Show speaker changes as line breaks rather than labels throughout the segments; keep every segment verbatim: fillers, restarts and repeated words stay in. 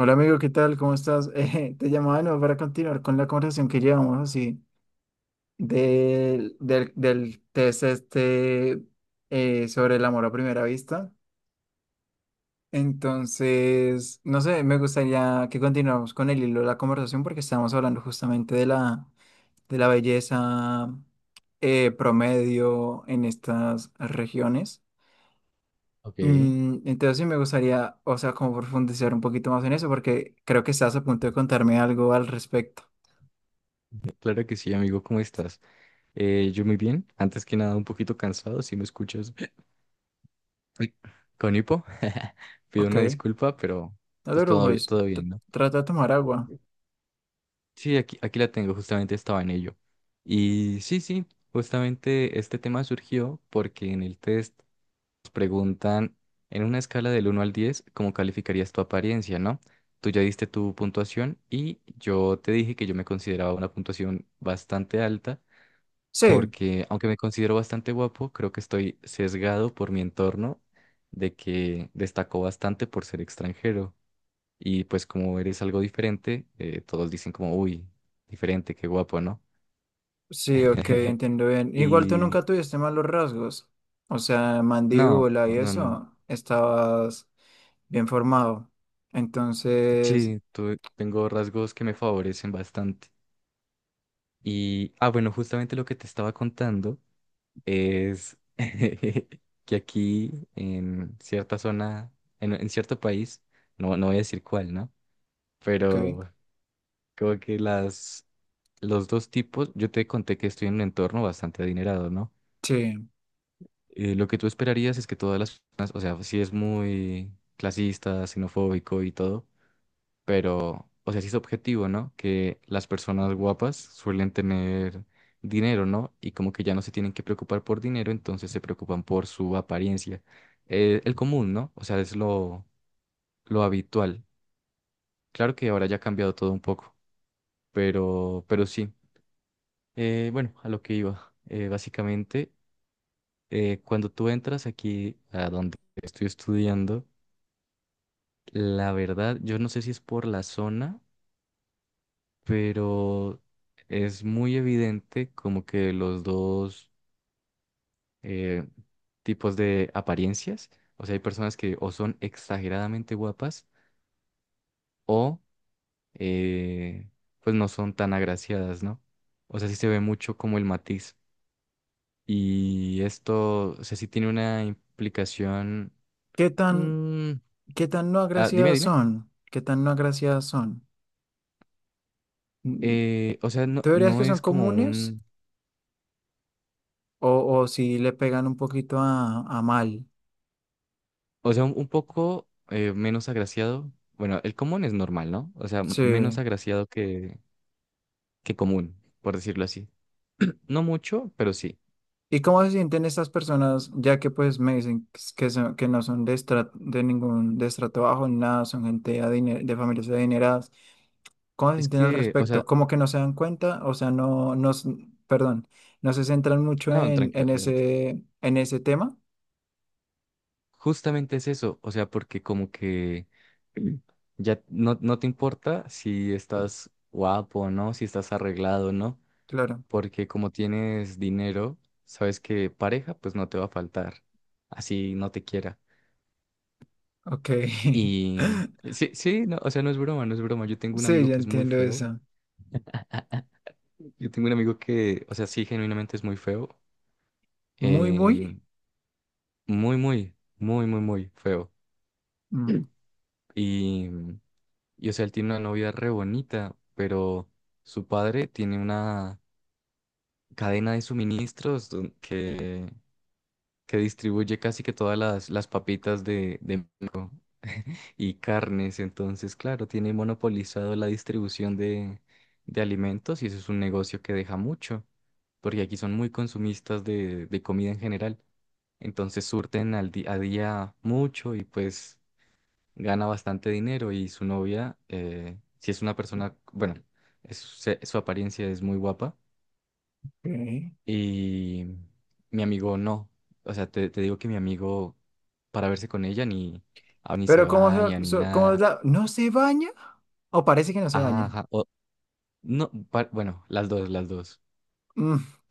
Hola amigo, ¿qué tal? ¿Cómo estás? Eh, te llamaba de nuevo para continuar con la conversación que llevamos así del, del, del test este, eh, sobre el amor a primera vista. Entonces, no sé, me gustaría que continuáramos con el hilo de la conversación porque estábamos hablando justamente de la, de la belleza, eh, promedio en estas regiones.
Ok,
Mm, Entonces sí me gustaría, o sea, como profundizar un poquito más en eso, porque creo que estás a punto de contarme algo al respecto.
claro que sí, amigo, ¿cómo estás? Eh, yo muy bien, antes que nada un poquito cansado, si me escuchas uy, con hipo, pido
Ok,
una disculpa, pero
no te
pues todo, bi-
preocupes,
todo
t-
bien, ¿no?
trata de tomar agua.
Sí, aquí, aquí la tengo, justamente estaba en ello. Y sí, sí, justamente este tema surgió porque en el test nos preguntan en una escala del uno al diez cómo calificarías tu apariencia, ¿no? Tú ya diste tu puntuación y yo te dije que yo me consideraba una puntuación bastante alta
Sí,
porque aunque me considero bastante guapo, creo que estoy sesgado por mi entorno de que destacó bastante por ser extranjero. Y pues como eres algo diferente, eh, todos dicen como, uy, diferente, qué guapo, ¿no?
sí, ok, entiendo bien. Igual tú
Y
nunca tuviste malos rasgos, o sea,
no,
mandíbula y
no, no.
eso, estabas bien formado. Entonces,
Sí, tu- tengo rasgos que me favorecen bastante. Y, ah, bueno, justamente lo que te estaba contando es que aquí en cierta zona, en, en cierto país, no, no voy a decir cuál, ¿no?
ok,
Pero como que las, los dos tipos, yo te conté que estoy en un entorno bastante adinerado, ¿no?
sí.
Eh, lo que tú esperarías es que todas las personas, o sea, sí es muy clasista, xenofóbico y todo, pero, o sea, sí es objetivo, ¿no? Que las personas guapas suelen tener dinero, ¿no? Y como que ya no se tienen que preocupar por dinero, entonces se preocupan por su apariencia. Eh, el común, ¿no? O sea, es lo, lo habitual. Claro que ahora ya ha cambiado todo un poco, pero, pero sí. Eh, bueno, a lo que iba. Eh, básicamente, eh, cuando tú entras aquí a donde estoy estudiando, la verdad, yo no sé si es por la zona, pero es muy evidente como que los dos eh, tipos de apariencias, o sea, hay personas que o son exageradamente guapas o eh, pues no son tan agraciadas, ¿no? O sea, sí se ve mucho como el matiz. Y esto, o sea, sí tiene una implicación
¿Qué tan,
Mm,
qué tan no
ah, Dime,
agraciadas
dime.
son? ¿Qué tan no agraciadas son? Mm,
Eh, o sea, no,
¿Tú dirías
no
que son
es como
comunes
un,
o, o si le pegan un poquito a, a mal?
o sea, un, un poco eh, menos agraciado. Bueno, el común es normal, ¿no? O sea, m- menos
Sí.
agraciado que, que común, por decirlo así. No mucho, pero sí.
¿Y cómo se sienten estas personas, ya que pues me dicen que, s- que son, que no son de, estra- de ningún de estrato bajo, ni nada, son gente adine- de familias adineradas? ¿Cómo se
Es
sienten al
que, o sea,
respecto? ¿Como que no se dan cuenta? O sea, no, no, s- perdón, no se centran
ah,
mucho
no,
en,
tranquilo,
en
adelante.
ese, en ese tema.
Justamente es eso, o sea, porque como que mm, ya no, no te importa si estás guapo o no, si estás arreglado o no.
Claro,
Porque como tienes dinero, sabes que pareja pues no te va a faltar, así no te quiera.
ok.
Y sí, sí, no, o sea, no es broma, no es broma. Yo tengo un
Sí,
amigo
ya
que es muy
entiendo
feo.
eso.
Yo tengo un amigo que, o sea, sí, genuinamente es muy feo.
Muy, muy.
em, Muy, muy, muy, muy, muy feo.
mm,
Mm. Y, y, o sea, él tiene una novia re bonita, pero su padre tiene una cadena de suministros don- que, que distribuye casi que todas las, las papitas de, de México. Y carnes. Entonces, claro, tiene monopolizado la distribución de, de alimentos y eso es un negocio que deja mucho, porque aquí son muy consumistas de, de comida en general. Entonces surten al día a día mucho y pues gana bastante dinero y su novia, eh, si es una persona, bueno, es- se- su apariencia es muy guapa
ok.
y mi amigo no. O sea, te, te digo que mi amigo para verse con ella ni, ah, ni se
Pero ¿cómo,
baña
se-
ni
so- cómo es
nada.
la... ¿No se baña? ¿O parece que no se
Ajá,
baña?
ajá. No, pa- bueno, las dos, las dos.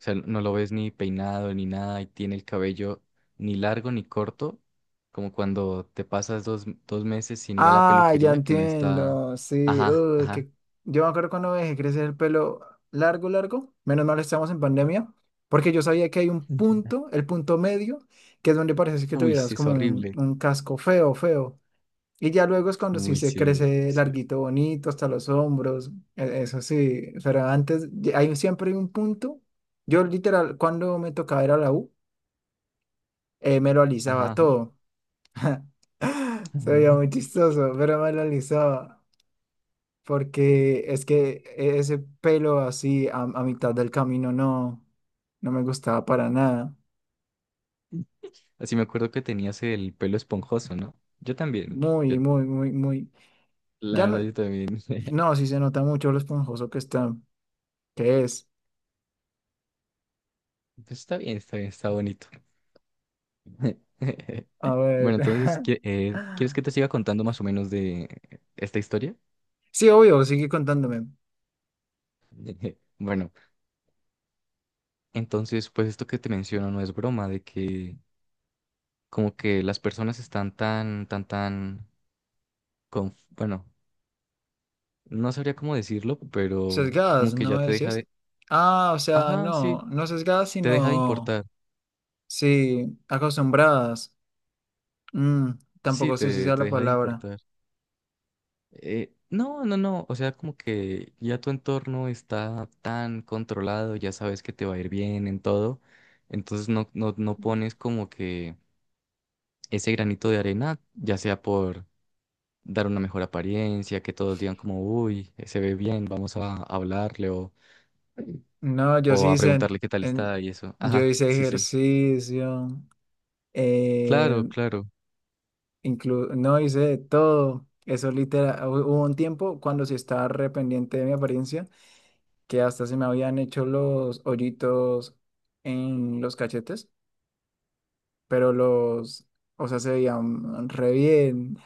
O sea, no lo ves ni peinado ni nada y tiene el cabello ni largo ni corto, como cuando te pasas dos, dos meses sin ir a la
Ah, ya
peluquería, que no está.
entiendo. Sí,
Ajá,
uh,
ajá.
que yo me acuerdo cuando me dejé crecer el pelo largo, largo. Menos mal estamos en pandemia, porque yo sabía que hay un punto, el punto medio, que es donde parece que
Uy, sí,
tuvieras
es
como un,
horrible.
un casco feo, feo. Y ya luego es cuando sí
Uy,
se
sí,
crece
sí.
larguito, bonito, hasta los hombros. e- Eso sí, pero antes ya hay siempre un punto. Yo literal, cuando me tocaba ir a la U, eh, me lo
Ajá,
alisaba
ajá.
todo. Se veía muy chistoso, pero me lo alisaba. Porque es que ese pelo así a, a mitad del camino no, no me gustaba para nada.
Así me acuerdo que tenías el pelo esponjoso, ¿no? Yo también. yo-
Muy, muy, muy, muy.
la
Ya no,
verdad, yo también.
no, sí se nota mucho lo esponjoso que está, que es.
Pues está bien, está bien, está bonito.
A ver.
Bueno, entonces, ¿qui- eh, ¿quieres que te siga contando más o menos de esta historia?
Sí, obvio, sigue contándome.
Bueno, entonces, pues esto que te menciono no es broma, de que como que las personas están tan, tan, tan, con, bueno, no sabría cómo decirlo, pero
Sesgadas,
como que
¿no
ya
me
te deja
decías?
de,
Ah, o sea,
ajá,
no,
sí,
no sesgadas,
te deja de
sino,
importar,
sí, acostumbradas. Mm,
sí,
tampoco sé si
te,
sea
te
la
deja de
palabra.
importar. Eh, no, no, no, o sea, como que ya tu entorno está tan controlado, ya sabes que te va a ir bien en todo, entonces no, no, no pones como que ese granito de arena, ya sea por dar una mejor apariencia, que todos digan como, uy, se ve bien, vamos a hablarle o,
No, yo
o
sí
a
hice, en-
preguntarle qué tal
en-
está y eso.
yo
Ajá,
hice
sí, sí.
ejercicio, eh,
Claro, claro.
inclu- no hice de todo. Eso literal, hu- hubo un tiempo cuando sí estaba re pendiente de mi apariencia, que hasta se me habían hecho los hoyitos en los cachetes, pero los, o sea, se veían re bien.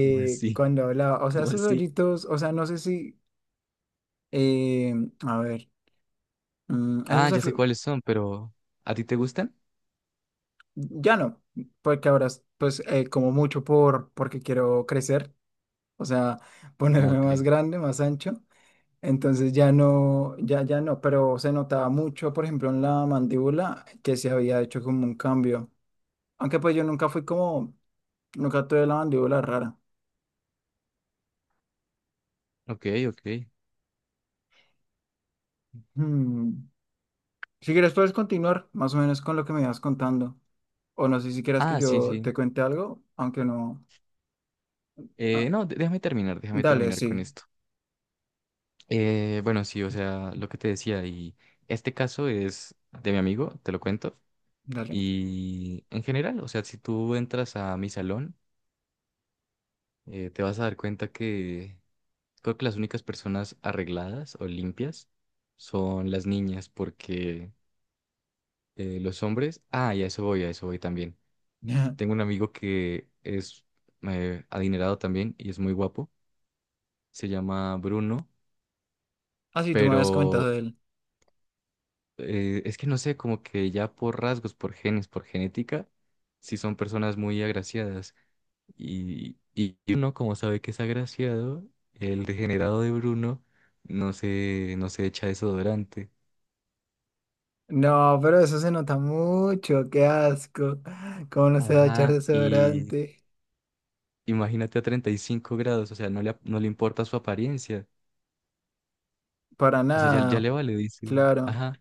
¿Cómo así?
Cuando hablaba, o sea,
¿Cómo
esos
así?
hoyitos, o sea, no sé si, eh, a ver, mm,
Ah,
esos,
ya sé cuáles son, pero ¿a ti te gustan?
ya no, porque ahora pues, eh, como mucho por porque quiero crecer, o sea,
Ah,
ponerme
ok.
más grande, más ancho. Entonces ya no, ya ya no, pero se notaba mucho, por ejemplo, en la mandíbula que se había hecho como un cambio. Aunque pues yo nunca fui como, nunca tuve la mandíbula rara.
Ok, ok.
Hmm. Si quieres puedes continuar más o menos con lo que me ibas contando. O no sé si quieras que
Ah, sí,
yo
sí.
te cuente algo, aunque no. Ah,
Eh, no, dé- déjame terminar, déjame
dale,
terminar con
sí,
esto. Eh, bueno, sí, o sea, lo que te decía, y este caso es de mi amigo, te lo cuento.
dale.
Y en general, o sea, si tú entras a mi salón, eh, te vas a dar cuenta que creo que las únicas personas arregladas o limpias son las niñas, porque eh, los hombres, ah, y a eso voy, a eso voy también. Tengo un amigo que es eh, adinerado también y es muy guapo, se llama Bruno,
Ah, sí, tú me habías comentado
pero
de él.
eh, es que no sé, como que ya por rasgos, por genes, por genética, sí son personas muy agraciadas. Y, y uno, como sabe que es agraciado, el degenerado de Bruno no se, no se echa desodorante.
No, pero eso se nota mucho, qué asco. ¿Cómo no se va a echar
Ajá, y
desodorante?
imagínate a treinta y cinco grados, o sea, no le, no le importa su apariencia.
Para
O sea, ya, ya
nada,
le vale, dice.
claro.
Ajá.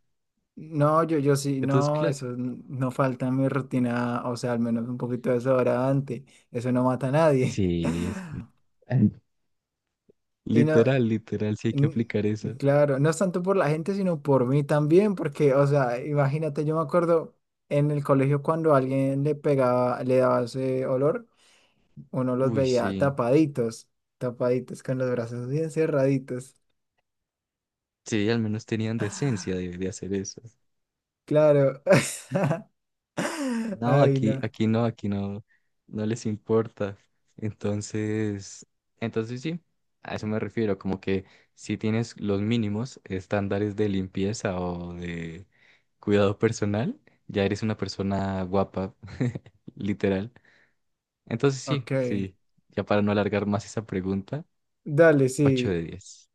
No, yo, yo sí,
Entonces,
no,
claro.
eso n- no falta en mi rutina, o sea, al menos un poquito de desodorante. Eso no mata a nadie.
Sí, es-
Y no,
literal, literal, sí hay que
n-
aplicar eso.
claro, no es tanto por la gente, sino por mí también, porque, o sea, imagínate, yo me acuerdo en el colegio cuando alguien le pegaba, le daba ese olor. Uno los
Uy,
veía
sí.
tapaditos, tapaditos, con los brazos bien cerraditos.
Sí, al menos tenían decencia de, de hacer eso.
Claro.
No,
Ay,
aquí,
no.
aquí no, aquí no, no les importa. Entonces, entonces sí, a eso me refiero, como que si tienes los mínimos estándares de limpieza o de cuidado personal, ya eres una persona guapa, literal. Entonces sí,
Ok.
sí, ya para no alargar más esa pregunta,
Dale,
ocho de
sí.
diez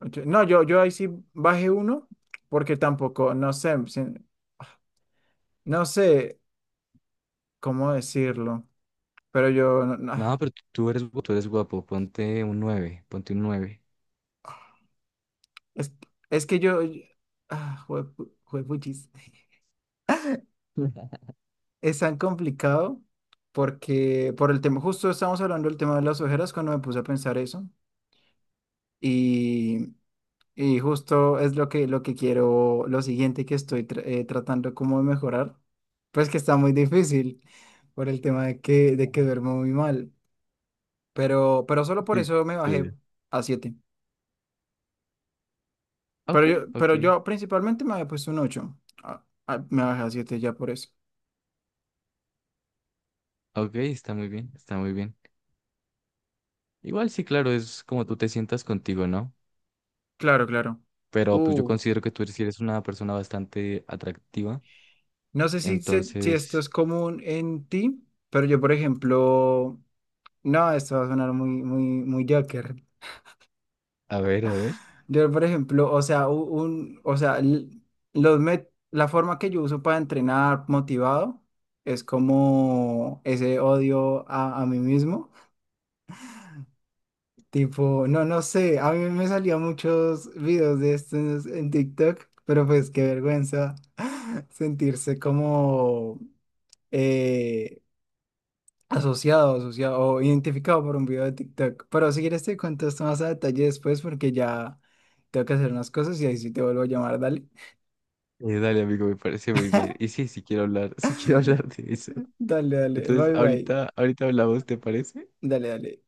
Ocho. No, yo, yo ahí sí bajé uno, porque tampoco, no sé, si- no sé cómo decirlo, pero yo, no- no,
No,
ah,
pero tú tú eres, gu- tú eres guapo, ponte un nueve, ponte un nueve.
es, es que yo, yo- ah, juepu- juepuchis. Es tan complicado porque por el tema, justo estábamos hablando del tema de las ojeras cuando me puse a pensar eso. Y, y justo es lo que, lo que quiero, lo siguiente que estoy tra- eh, tratando como de mejorar, pues que está muy difícil por el tema de que, de que duermo muy mal, pero, pero solo por
Sí,
eso me bajé
sí.
a siete, pero
Ok,
yo, pero
ok,
yo principalmente me había puesto un ocho. Ah, ah, me bajé a siete ya por eso.
ok, está muy bien, está muy bien. Igual sí, claro, es como tú te sientas contigo, ¿no?
Claro, claro.
Pero pues yo
Uh,
considero que tú eres- sí eres una persona bastante atractiva.
no sé si, se- si esto
Entonces,
es común en ti, pero yo, por ejemplo, no, esto va a sonar muy, muy, muy Joker.
a ver, a ver.
Yo, por ejemplo, o sea, u- un, o sea, l- los met- la forma que yo uso para entrenar motivado es como ese odio a, a mí mismo. Tipo, no, no sé, a mí me salían muchos videos de estos en TikTok, pero pues qué vergüenza sentirse como, eh, asociado, asociado o identificado por un video de TikTok. Pero si quieres te cuento esto más a detalle después porque ya tengo que hacer unas cosas y ahí sí te vuelvo a llamar, dale.
Eh, dale, amigo, me parece muy bien. Y sí, sí quiero hablar, sí quiero hablar de eso.
Dale, dale,
Entonces,
bye bye.
ahorita, ahorita hablamos, ¿te parece?
Dale, dale.